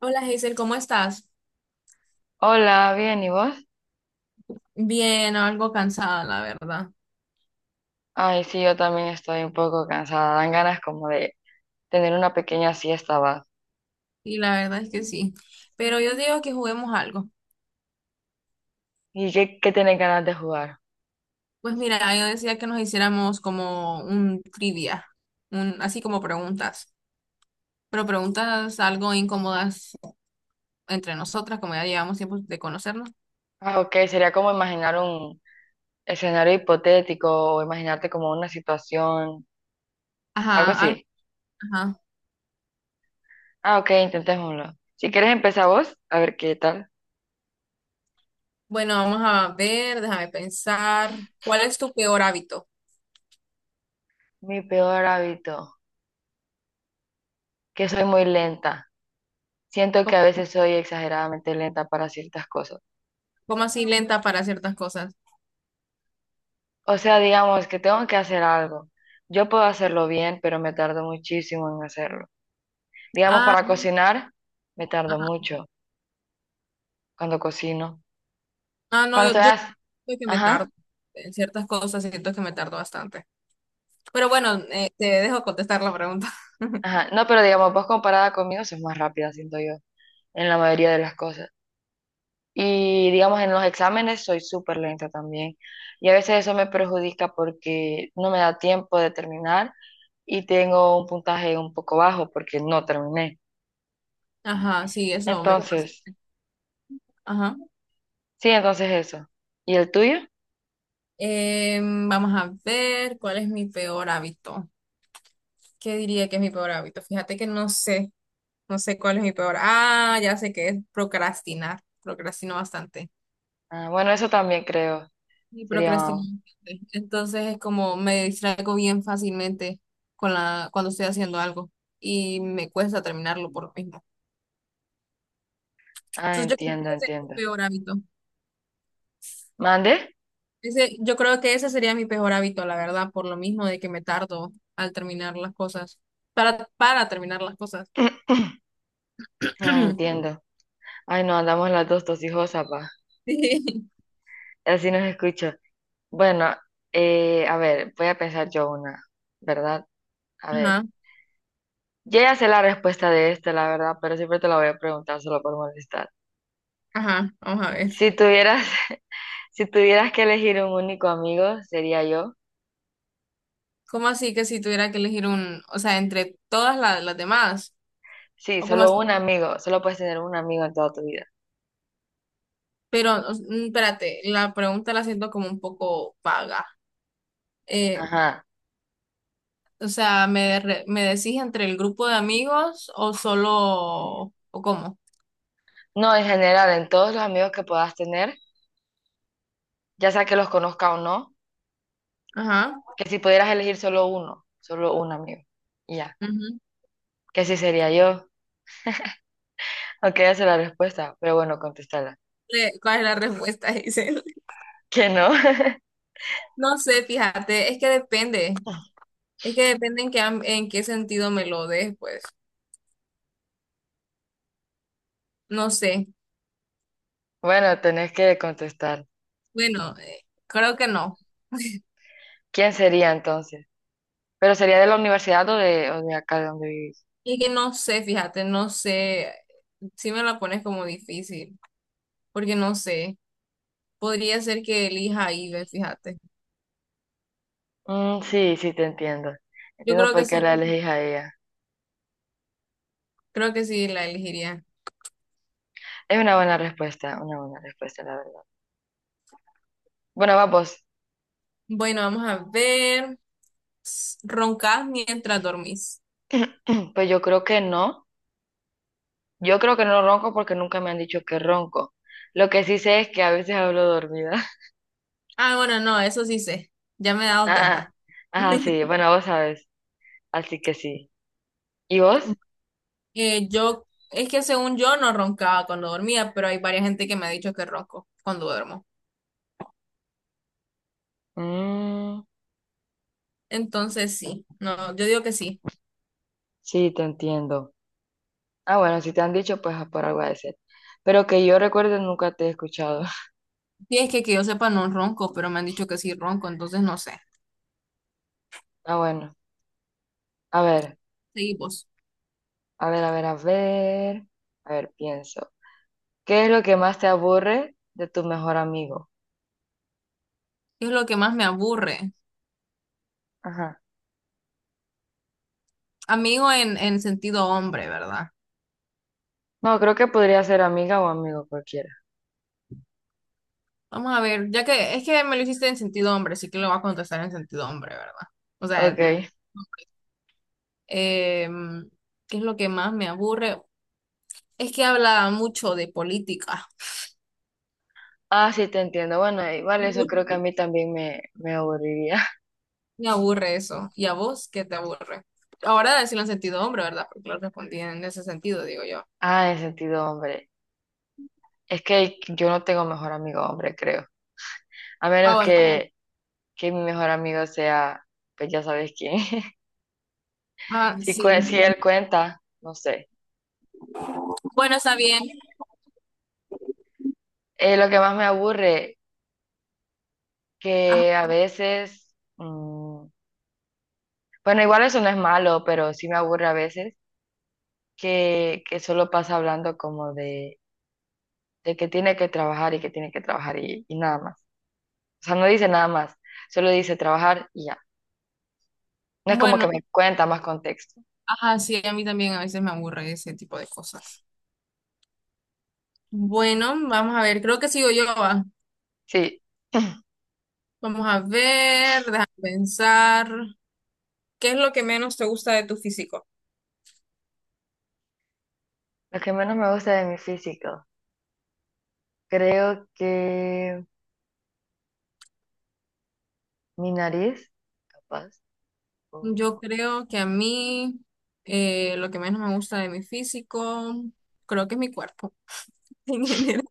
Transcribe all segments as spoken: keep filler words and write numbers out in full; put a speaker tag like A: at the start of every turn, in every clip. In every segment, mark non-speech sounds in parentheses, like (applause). A: Hola Hazel, ¿cómo estás?
B: Hola, bien, ¿y vos?
A: Bien, algo cansada, la verdad.
B: Ay, sí, yo también estoy un poco cansada. Dan ganas como de tener una pequeña siesta, va.
A: Y la verdad es que sí. Pero yo digo que juguemos algo.
B: ¿Y qué, qué tenés ganas de jugar?
A: Pues mira, yo decía que nos hiciéramos como un trivia, un, así como preguntas. Pero preguntas algo incómodas entre nosotras, como ya llevamos tiempo de conocernos.
B: Ah, ok, sería como imaginar un escenario hipotético o imaginarte como una situación, algo
A: Ajá, algo,
B: así.
A: ajá.
B: Ah, ok, intentémoslo. Si quieres empezar vos, a ver qué tal.
A: Bueno, vamos a ver, déjame pensar. ¿Cuál es tu peor hábito?
B: Mi peor hábito, que soy muy lenta. Siento que
A: ¿Cómo,
B: a veces soy exageradamente lenta para ciertas cosas.
A: cómo así lenta para ciertas cosas?
B: O sea, digamos que tengo que hacer algo. Yo puedo hacerlo bien, pero me tardo muchísimo en hacerlo. Digamos, para cocinar, me tardo mucho cuando cocino.
A: Ah, no,
B: Cuando
A: yo,
B: estoy...
A: yo
B: as-
A: siento que me tardo
B: Ajá,
A: en ciertas cosas, siento que me tardo bastante. Pero bueno, eh, te dejo contestar la pregunta. (laughs)
B: ajá. No, pero digamos, vos comparada conmigo sos más rápida, siento yo, en la mayoría de las cosas. Y digamos, en los exámenes soy súper lenta también. Y a veces eso me perjudica porque no me da tiempo de terminar y tengo un puntaje un poco bajo porque no terminé.
A: Ajá, sí, eso me pasa.
B: Entonces,
A: Ajá.
B: sí, entonces eso. ¿Y el tuyo?
A: Em, vamos a ver cuál es mi peor hábito. ¿Qué diría que es mi peor hábito? Fíjate que no sé, no sé cuál es mi peor. Ah, ya sé que es procrastinar. Procrastino bastante.
B: Ah, bueno, eso también creo.
A: Y
B: Sería.
A: procrastino bastante. Entonces es como me distraigo bien fácilmente con la, cuando estoy haciendo algo y me cuesta terminarlo por lo mismo.
B: Ah,
A: Entonces yo creo
B: entiendo,
A: que ese es mi
B: entiendo.
A: peor hábito.
B: ¿Mande?
A: Ese, yo creo que ese sería mi peor hábito, la verdad, por lo mismo de que me tardo al terminar las cosas. Para, para terminar las cosas.
B: (clears throat) Ah,
A: (clears throat)
B: entiendo. Ay, no, andamos las dos tosijosas, pa.
A: Sí.
B: Así nos escucha. Bueno, eh, a ver, voy a pensar yo una, ¿verdad? A ver,
A: Ajá,
B: yo ya sé la respuesta de esta, la verdad, pero siempre te la voy a preguntar solo por molestar.
A: ajá, vamos a ver.
B: Si tuvieras, (laughs) si tuvieras que elegir un único amigo, sería yo.
A: ¿Cómo así que si tuviera que elegir un, o sea, entre todas la- las demás?
B: Sí,
A: ¿O cómo así?
B: solo un amigo, solo puedes tener un amigo en toda tu vida.
A: Pero, o- mm, espérate, la pregunta la siento como un poco vaga. Eh,
B: Ajá.
A: o sea, ¿me, re- me decís entre el grupo de amigos o solo, o cómo?
B: No, en general, en todos los amigos que puedas tener ya sea que los conozca o no,
A: Ajá.
B: que si pudieras elegir solo uno, solo un amigo, y ya, que si sería yo, aunque ya sé la respuesta, pero bueno, contestarla.
A: re- ¿Cuál es la respuesta? (laughs) Dice,
B: Que no,
A: no sé, fíjate, es que depende,
B: (laughs)
A: es que depende en qué, am- en qué sentido me lo des, pues, no sé,
B: bueno, tenés que contestar.
A: bueno, eh, creo que no,
B: ¿Quién sería entonces? ¿Pero sería de la universidad o de, o de acá de donde vivís?
A: es que no sé, fíjate, no sé, si me la pones como difícil, porque no sé, podría ser que elija Ibe, fíjate,
B: Mm, sí, sí, te entiendo.
A: yo
B: Entiendo
A: creo que
B: por qué
A: sí,
B: la elegís a ella.
A: creo que sí la elegiría.
B: Es una buena respuesta, una buena respuesta, la verdad. Bueno, vamos.
A: Bueno, vamos a ver, S- roncas mientras dormís.
B: (clears throat) Pues yo creo que no. Yo creo que no ronco porque nunca me han dicho que ronco. Lo que sí sé es que a veces hablo dormida.
A: Ah, bueno, no, eso sí sé, ya me he dado cuenta.
B: Ah, ah, sí, bueno, vos sabes, así que sí. ¿Y vos?
A: Eh, yo, es que según yo no roncaba cuando dormía, pero hay varias gente que me ha dicho que ronco cuando duermo.
B: Mm,
A: Entonces sí, no, yo digo que sí.
B: sí, te entiendo. Ah, bueno, si te han dicho, pues ah, por algo ha de ser. Pero que yo recuerde nunca te he escuchado. (laughs)
A: Y es que que yo sepa no ronco, pero me han dicho que sí ronco, entonces no sé.
B: Ah, bueno, a ver,
A: Seguimos.
B: a ver, a ver, a ver, a ver, pienso. ¿Qué es lo que más te aburre de tu mejor amigo?
A: ¿Qué es lo que más me aburre?
B: Ajá.
A: Amigo en, en sentido hombre, ¿verdad?
B: No, creo que podría ser amiga o amigo cualquiera.
A: Vamos a ver, ya que es que me lo hiciste en sentido hombre, así que lo voy a contestar en sentido hombre, ¿verdad? O sea,
B: Ok.
A: em, ¿qué es lo que más me aburre? Es que habla mucho de política.
B: Ah, sí, te entiendo. Bueno, igual eso creo
A: (laughs)
B: que a mí también me, me aburriría. (laughs)
A: Me aburre eso. ¿Y a vos qué te aburre? Ahora decirlo en sentido hombre, ¿verdad? Porque lo respondí en ese sentido, digo yo.
B: Ah, en sentido hombre. Es que yo no tengo mejor amigo hombre, creo. A
A: Ah,
B: menos Ah,
A: bueno.
B: que, que mi mejor amigo sea, pues ya sabes quién. (laughs)
A: Ah,
B: Si, cue- si sí,
A: sí.
B: él cuenta, no sé.
A: Bueno, está bien.
B: Eh, lo que más me aburre,
A: Ajá.
B: que a veces, mm, bueno, igual eso no es malo, pero sí me aburre a veces que, que solo pasa hablando como de, de que tiene que trabajar y que tiene que trabajar y, y nada más. O sea, no dice nada más, solo dice trabajar y ya. No es como
A: Bueno,
B: que me cuenta más contexto.
A: ajá, sí, a mí también a veces me aburre ese tipo de cosas. Bueno, vamos a ver. Creo que sigo yo. Va.
B: Sí. (clears throat)
A: Vamos a ver, déjame pensar. ¿Qué es lo que menos te gusta de tu físico?
B: Lo que menos me gusta de mi físico. Creo que mi nariz, capaz.
A: Yo
B: O-
A: creo que a mí eh, lo que menos me gusta de mi físico, creo que es mi cuerpo (laughs) en general.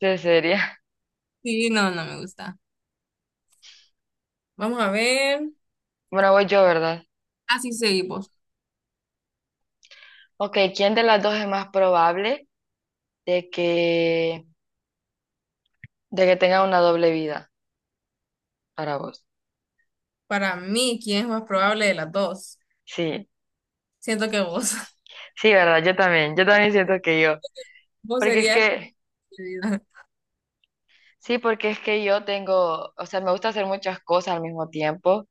B: Sí, sería. (laughs)
A: Sí, no, no me gusta. Vamos a ver.
B: Bueno, voy yo, ¿verdad?
A: Así seguimos.
B: Ok, ¿quién de las dos es más probable de que, de que tenga una doble vida para vos?
A: Para mí, ¿quién es más probable de las dos?
B: Sí,
A: Siento que vos. (laughs)
B: sí, ¿verdad? Yo también, yo también siento que yo.
A: Vos
B: Porque es
A: serías la
B: que,
A: elegida.
B: sí, porque es que yo tengo, o sea, me gusta hacer muchas cosas al mismo tiempo,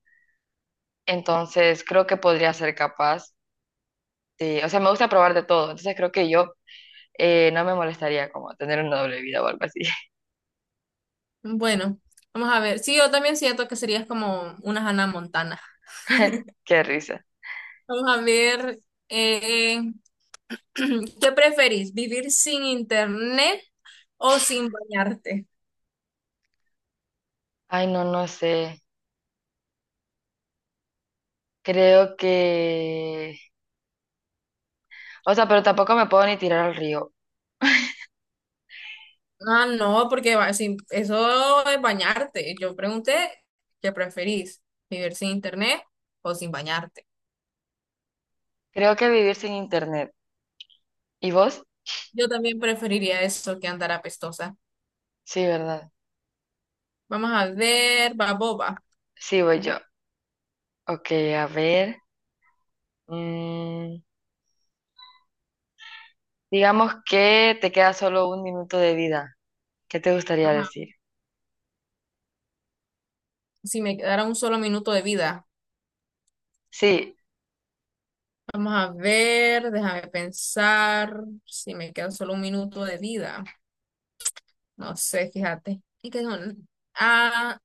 B: entonces creo que podría ser capaz de, o sea, me gusta probar de todo, entonces creo que yo eh, no me molestaría como tener una doble vida o algo así. (laughs)
A: Bueno, vamos a ver. Sí, yo también siento que serías como una Hannah Montana.
B: Qué risa.
A: Vamos a ver. eh, (clears throat) ¿qué preferís? ¿Vivir sin internet o sin bañarte?
B: Ay, no, no sé. Creo que... O sea, pero tampoco me puedo ni tirar al río.
A: Ah, no, porque va- sin- eso es bañarte. Yo pregunté, ¿qué preferís? ¿Vivir sin internet o sin bañarte?
B: Creo que vivir sin internet. ¿Y vos?
A: Yo también preferiría eso que andar apestosa.
B: Sí, ¿verdad?
A: Vamos a ver, Baboba.
B: Sí, voy yo. Ok, a ver. Mm, digamos que te queda solo un minuto de vida. ¿Qué te gustaría
A: Ajá.
B: decir?
A: Si me quedara un solo minuto de vida.
B: Sí,
A: Vamos a ver, déjame pensar. Si me queda solo un minuto de vida. No sé, fíjate. Y que son- Ah,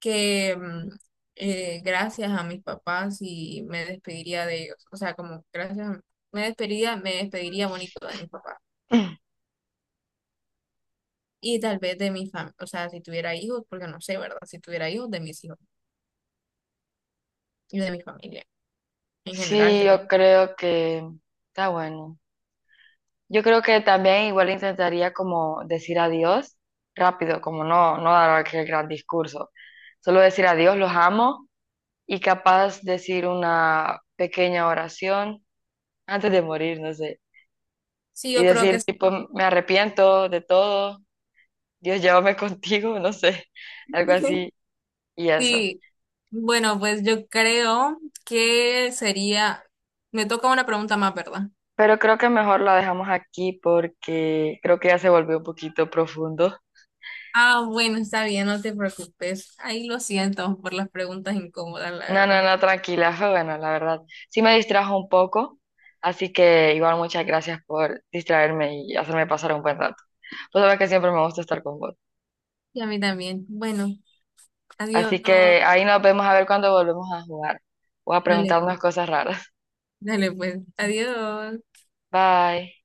A: que mm, eh, gracias a mis papás y me despediría de ellos. O sea, como gracias, a- me despediría, me despediría bonito de mis papás.
B: (clears throat)
A: Y tal vez de mi familia. O sea, si tuviera hijos, porque no sé, ¿verdad? Si tuviera hijos, de mis hijos y de mi familia. En general,
B: sí,
A: creo.
B: yo creo que... Está bueno. Yo creo que también igual intentaría como decir adiós rápido, como no, no dar aquel gran discurso. Solo decir adiós, los amo y capaz decir una pequeña oración antes de morir, no sé,
A: Sí,
B: y
A: yo creo que
B: decir tipo, me arrepiento de todo, Dios llévame (laughs) contigo, no sé, (laughs) algo así y eso.
A: sí, bueno, pues yo creo que sería, me toca una pregunta más, ¿verdad?
B: Pero creo que mejor la dejamos aquí porque creo que ya se volvió un poquito profundo.
A: Ah, bueno, está bien, no te preocupes. Ahí lo siento por las preguntas incómodas, la
B: No, no,
A: verdad.
B: no, tranquila, fue bueno, la verdad. Sí me distrajo un poco, así que igual muchas gracias por distraerme y hacerme pasar un buen rato. Pues sabes que siempre me gusta estar con vos.
A: Y a mí también. Bueno, adiós.
B: Así que ahí nos vemos a ver cuando volvemos a jugar o a
A: Dale,
B: preguntarnos cosas raras.
A: dale pues. Adiós.
B: Bye.